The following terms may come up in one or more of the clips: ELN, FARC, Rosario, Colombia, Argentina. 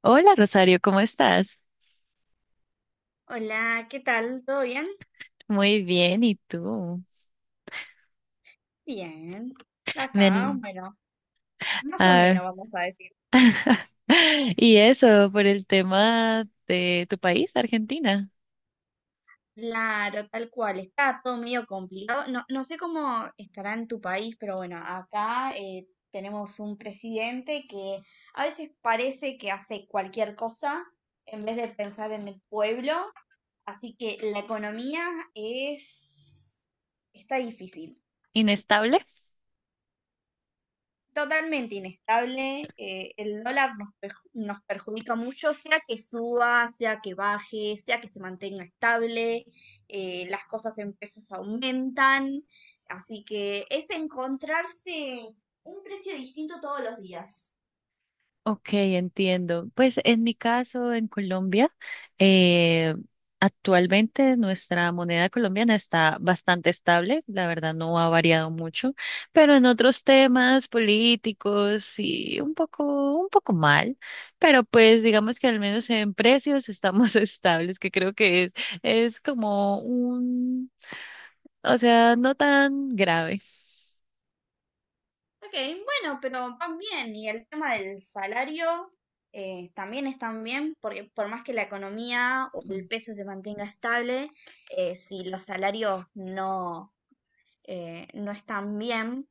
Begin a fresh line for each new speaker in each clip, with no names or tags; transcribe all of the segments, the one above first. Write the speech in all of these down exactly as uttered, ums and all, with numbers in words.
Hola Rosario, ¿cómo estás?
Hola, ¿qué tal? ¿Todo bien?
Muy bien, ¿y tú?
Bien.
Me
Acá,
al-
bueno, más o
ah,
menos vamos a decir.
Y eso, por el tema de tu país, Argentina.
Claro, tal cual. Está todo medio complicado. No, no sé cómo estará en tu país, pero bueno, acá eh, tenemos un presidente que a veces parece que hace cualquier cosa en vez de pensar en el pueblo. Así que la economía es... está difícil.
¿Inestable?
Totalmente inestable. Eh, el dólar nos, perju- nos perjudica mucho, sea que suba, sea que baje, sea que se mantenga estable, eh, las cosas en pesos aumentan. Así que es encontrarse un precio distinto todos los días.
Ok, entiendo. Pues en mi caso, en Colombia, eh, actualmente nuestra moneda colombiana está bastante estable, la verdad no ha variado mucho, pero en otros temas políticos sí un poco, un poco mal, pero pues digamos que al menos en precios estamos estables, que creo que es, es como un, o sea, no tan grave.
Ok, bueno, pero van bien. Y el tema del salario eh, también están bien, porque por más que la economía o el peso se mantenga estable, eh, si los salarios no, eh, no están bien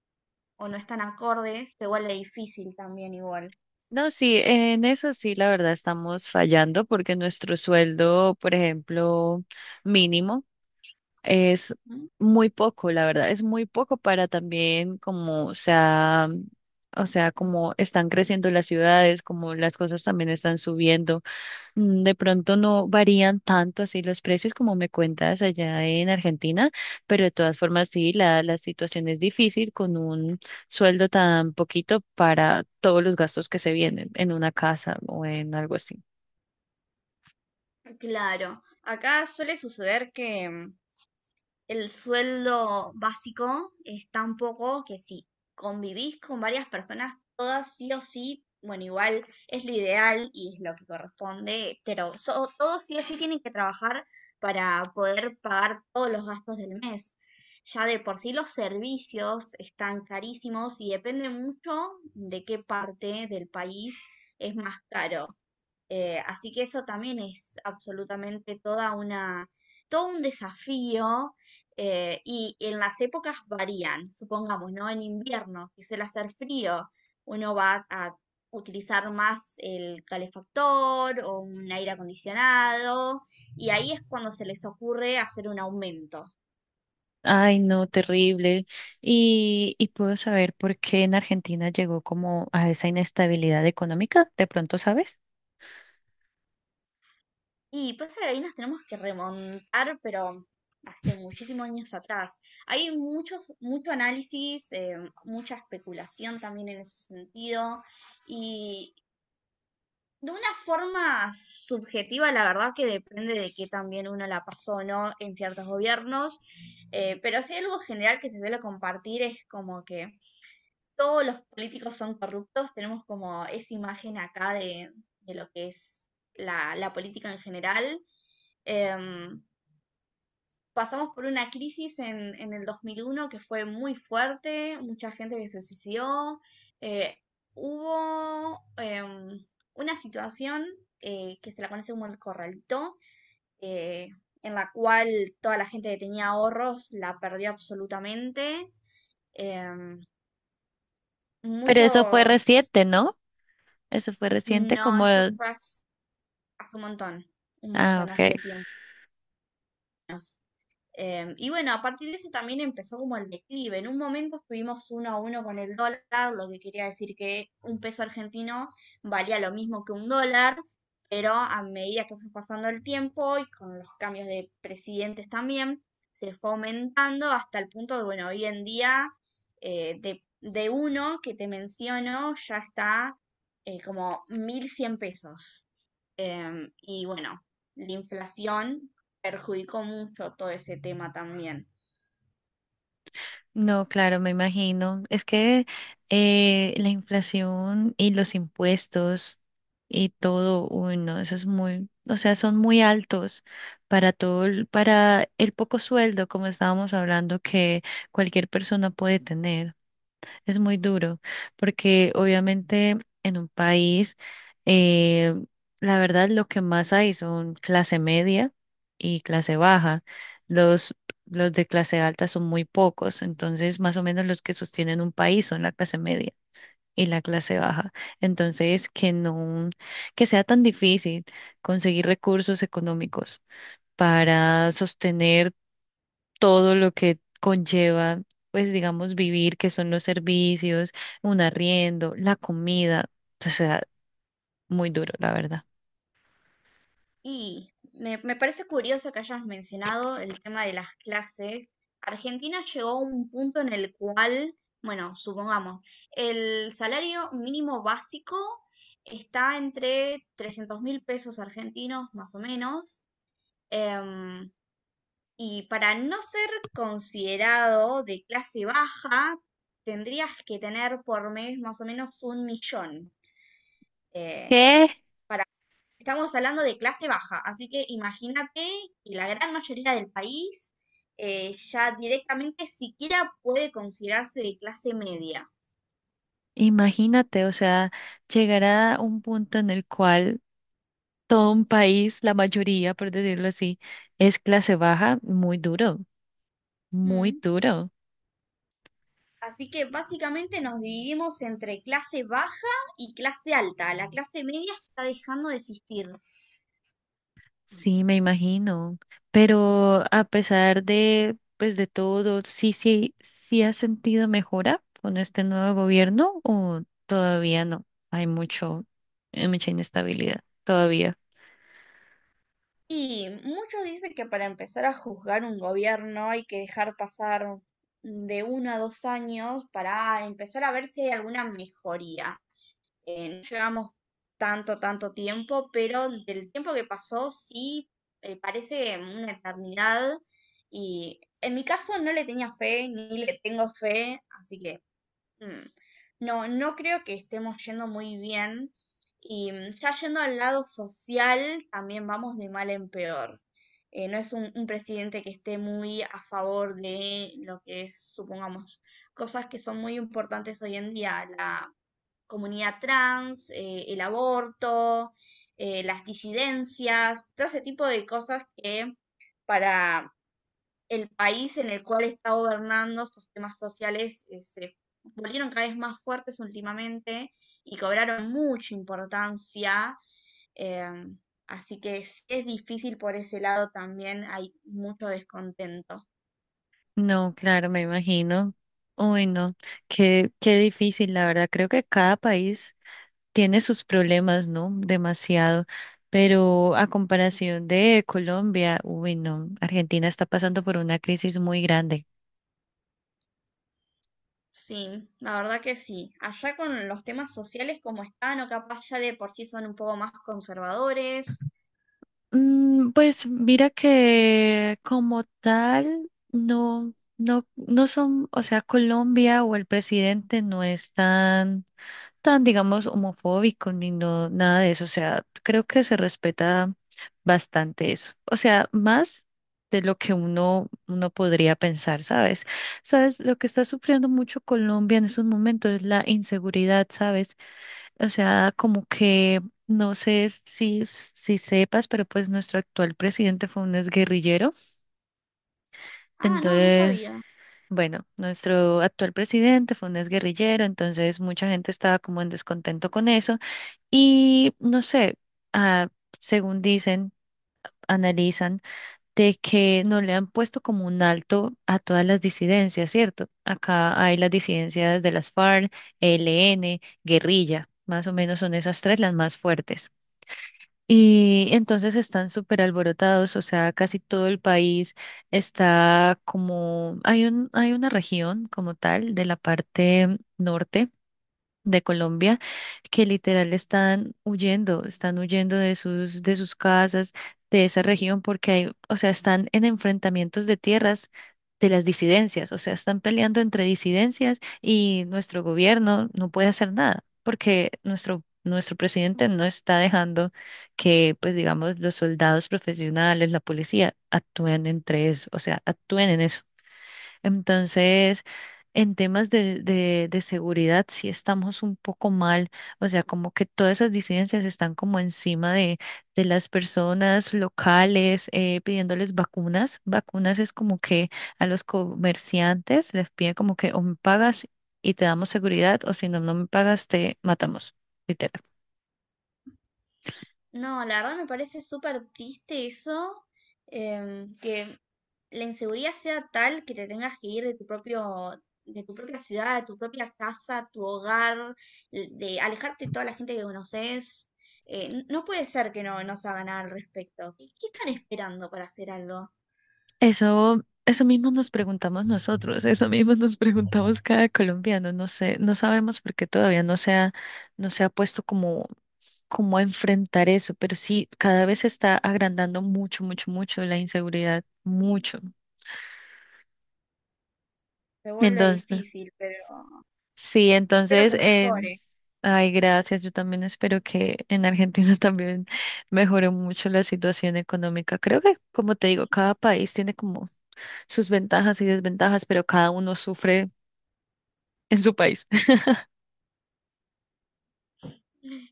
o no están acordes, se vuelve difícil también igual.
No, sí, en eso sí, la verdad estamos fallando porque nuestro sueldo, por ejemplo, mínimo es
¿Mm?
muy poco, la verdad, es muy poco para también como, o sea, o sea, como están creciendo las ciudades, como las cosas también están subiendo. Mm, de pronto no varían tanto así los precios como me cuentas allá en Argentina, pero de todas formas sí, la, la situación es difícil con un sueldo tan poquito para todos los gastos que se vienen en una casa o en algo así.
Claro, acá suele suceder que el sueldo básico es tan poco que si convivís con varias personas, todas sí o sí, bueno, igual es lo ideal y es lo que corresponde, pero so- todos sí o sí tienen que trabajar para poder pagar todos los gastos del mes. Ya de por sí los servicios están carísimos y depende mucho de qué parte del país es más caro. Eh, así que eso también es absolutamente toda una, todo un desafío eh, y en las épocas varían, supongamos, ¿no? En invierno, que suele hacer frío, uno va a utilizar más el calefactor o un aire acondicionado y ahí es cuando se les ocurre hacer un aumento.
Ay, no, terrible. Y, y puedo saber por qué en Argentina llegó como a esa inestabilidad económica, de pronto sabes.
Y pasa que ahí nos tenemos que remontar, pero hace muchísimos años atrás. Hay mucho, mucho análisis, eh, mucha especulación también en ese sentido. Y de una forma subjetiva, la verdad que depende de que también uno la pasó o no en ciertos gobiernos. Eh, pero si hay algo general que se suele compartir es como que todos los políticos son corruptos, tenemos como esa imagen acá de, de lo que es la, la política en general. Em, Pasamos por una crisis en, en el dos mil uno que fue muy fuerte, mucha gente que se suicidó, eh, hubo em, una situación eh, que se la conoce como el corralito, eh, en la cual toda la gente que tenía ahorros la perdió absolutamente. em,
Pero eso fue
muchos.
reciente, ¿no? Eso fue reciente
No,
como...
eso fue hace, hace un montón, un
Ah,
montonazo
ok.
de tiempo. Em, y bueno, a partir de eso también empezó como el declive. En un momento estuvimos uno a uno con el dólar, lo que quería decir que un peso argentino valía lo mismo que un dólar, pero a medida que fue pasando el tiempo y con los cambios de presidentes también, se fue aumentando hasta el punto de, bueno, hoy en día eh, de, de uno que te menciono ya está eh, como mil cien pesos. Em, y bueno, la inflación perjudicó mucho todo ese tema también.
No, claro, me imagino. Es que eh, la inflación y los impuestos y todo, uy, no, eso es muy, o sea, son muy altos para todo, el- para el poco sueldo, como estábamos hablando, que cualquier persona puede tener. Es muy duro, porque obviamente en un país, eh, la verdad lo que más hay son clase media y clase baja. Los, los de clase alta son muy pocos, entonces más o menos los que sostienen un país son la clase media y la clase baja. Entonces, que no, que sea tan difícil conseguir recursos económicos para sostener todo lo que conlleva, pues digamos, vivir, que son los servicios, un arriendo, la comida, o sea, muy duro, la verdad.
Y me, me parece curioso que hayas mencionado el tema de las clases. Argentina llegó a un punto en el cual, bueno, supongamos, el salario mínimo básico está entre trescientos mil pesos argentinos, más o menos. em, y para no ser considerado de clase baja, tendrías que tener por mes más o menos un millón. eh,
¿Qué?
Estamos hablando de clase baja, así que imagínate que la gran mayoría del país eh, ya directamente siquiera puede considerarse de clase media.
Imagínate, o sea, llegar a un punto en el cual todo un país, la mayoría, por decirlo así, es clase baja, muy duro, muy
Mm.
duro.
Así que básicamente nos dividimos entre clase baja y clase alta. La clase media está dejando de existir.
Sí, me imagino. Pero a pesar de, pues, de todo, sí, sí, sí has sentido mejora con este nuevo gobierno o todavía no. Hay mucho, hay mucha inestabilidad todavía.
Y muchos dicen que para empezar a juzgar un gobierno hay que dejar pasar de uno a dos años para empezar a ver si hay alguna mejoría. Eh, no llevamos tanto, tanto tiempo, pero del tiempo que pasó sí eh, parece una eternidad y en mi caso no le tenía fe, ni le tengo fe, así que mm, no, no creo que estemos yendo muy bien y mm, ya yendo al lado social también vamos de mal en peor. Eh, no es un, un presidente que esté muy a favor de lo que es, supongamos, cosas que son muy importantes hoy en día, la comunidad trans, eh, el aborto, eh, las disidencias, todo ese tipo de cosas que para el país en el cual está gobernando estos temas sociales eh, se volvieron cada vez más fuertes últimamente y cobraron mucha importancia. Eh, Así que sí es difícil por ese lado también, hay mucho descontento.
No, claro, me imagino. Uy, no, qué, qué difícil, la verdad. Creo que cada país tiene sus problemas, ¿no? Demasiado. Pero a comparación de Colombia, uy, no, Argentina está pasando por una crisis muy grande.
Sí, la verdad que sí. Allá con los temas sociales como están, o capaz ya de por sí son un poco más conservadores.
Mm, pues mira que como tal, no, no, no son, o sea, Colombia o el presidente no es tan, tan, digamos, homofóbico ni no, nada de eso. O sea, creo que se respeta bastante eso. O sea, más de lo que uno, uno podría pensar, ¿sabes? ¿Sabes? Lo que está sufriendo mucho Colombia en esos momentos es la inseguridad, ¿sabes? O sea, como que no sé si, si sepas, pero pues nuestro actual presidente fue un exguerrillero.
Ah, no, no
Entonces,
sabía.
bueno, nuestro actual presidente fue un exguerrillero, entonces mucha gente estaba como en descontento con eso. Y no sé, ah, según dicen, analizan, de que no le han puesto como un alto a todas las disidencias, ¿cierto? Acá hay las disidencias de las F A R C, E L N, guerrilla. Más o menos son esas tres las más fuertes. Y entonces están súper alborotados, o sea, casi todo el país está como, hay un, hay una región como tal de la parte norte de Colombia que literal están huyendo, están huyendo de sus, de sus casas, de esa región, porque hay, o sea, están en enfrentamientos de tierras de las disidencias, o sea, están peleando entre disidencias y nuestro gobierno no puede hacer nada, porque nuestro Nuestro presidente no está dejando que, pues digamos, los soldados profesionales, la policía, actúen entre eso, o sea, actúen en eso. Entonces, en temas de, de, de seguridad, sí estamos un poco mal, o sea, como que todas esas disidencias están como encima de, de las personas locales, eh, pidiéndoles vacunas. Vacunas es como que a los comerciantes les piden como que o me pagas y te damos seguridad, o si no, no me pagas, te matamos. Literal.
No, la verdad me parece súper triste eso, em, que la inseguridad sea tal que te tengas que ir de tu propio, de tu propia ciudad, de tu propia casa, tu hogar, l- de alejarte de toda la gente que conoces. Eh, n- no puede ser que no, no se haga nada al respecto. ¿Qué, qué están esperando para hacer algo?
Eso, eso mismo nos preguntamos nosotros, eso mismo nos preguntamos cada colombiano, no sé, no sabemos por qué todavía no se ha, no se ha puesto como, como a enfrentar eso, pero sí, cada vez se está agrandando mucho, mucho, mucho la inseguridad, mucho.
Se vuelve
Entonces,
difícil, pero...
sí,
Espero
entonces,
que
eh,
mejore.
ay, gracias, yo también espero que en Argentina también mejore mucho la situación económica. Creo que, como te digo, cada país tiene como sus ventajas y desventajas, pero cada uno sufre en su país.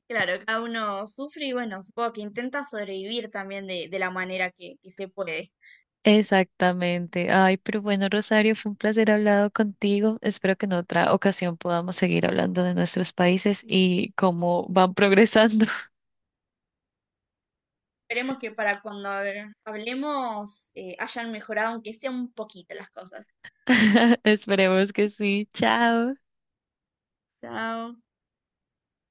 Claro, cada uno sufre y bueno, supongo que intenta sobrevivir también de, de la manera que, que se puede.
Exactamente. Ay, pero bueno, Rosario, fue un placer hablado contigo. Espero que en otra ocasión podamos seguir hablando de nuestros países y cómo van progresando.
Esperemos que para cuando hab- hablemos eh, hayan mejorado, aunque sea un poquito las cosas.
Esperemos que sí. Chao.
Chao.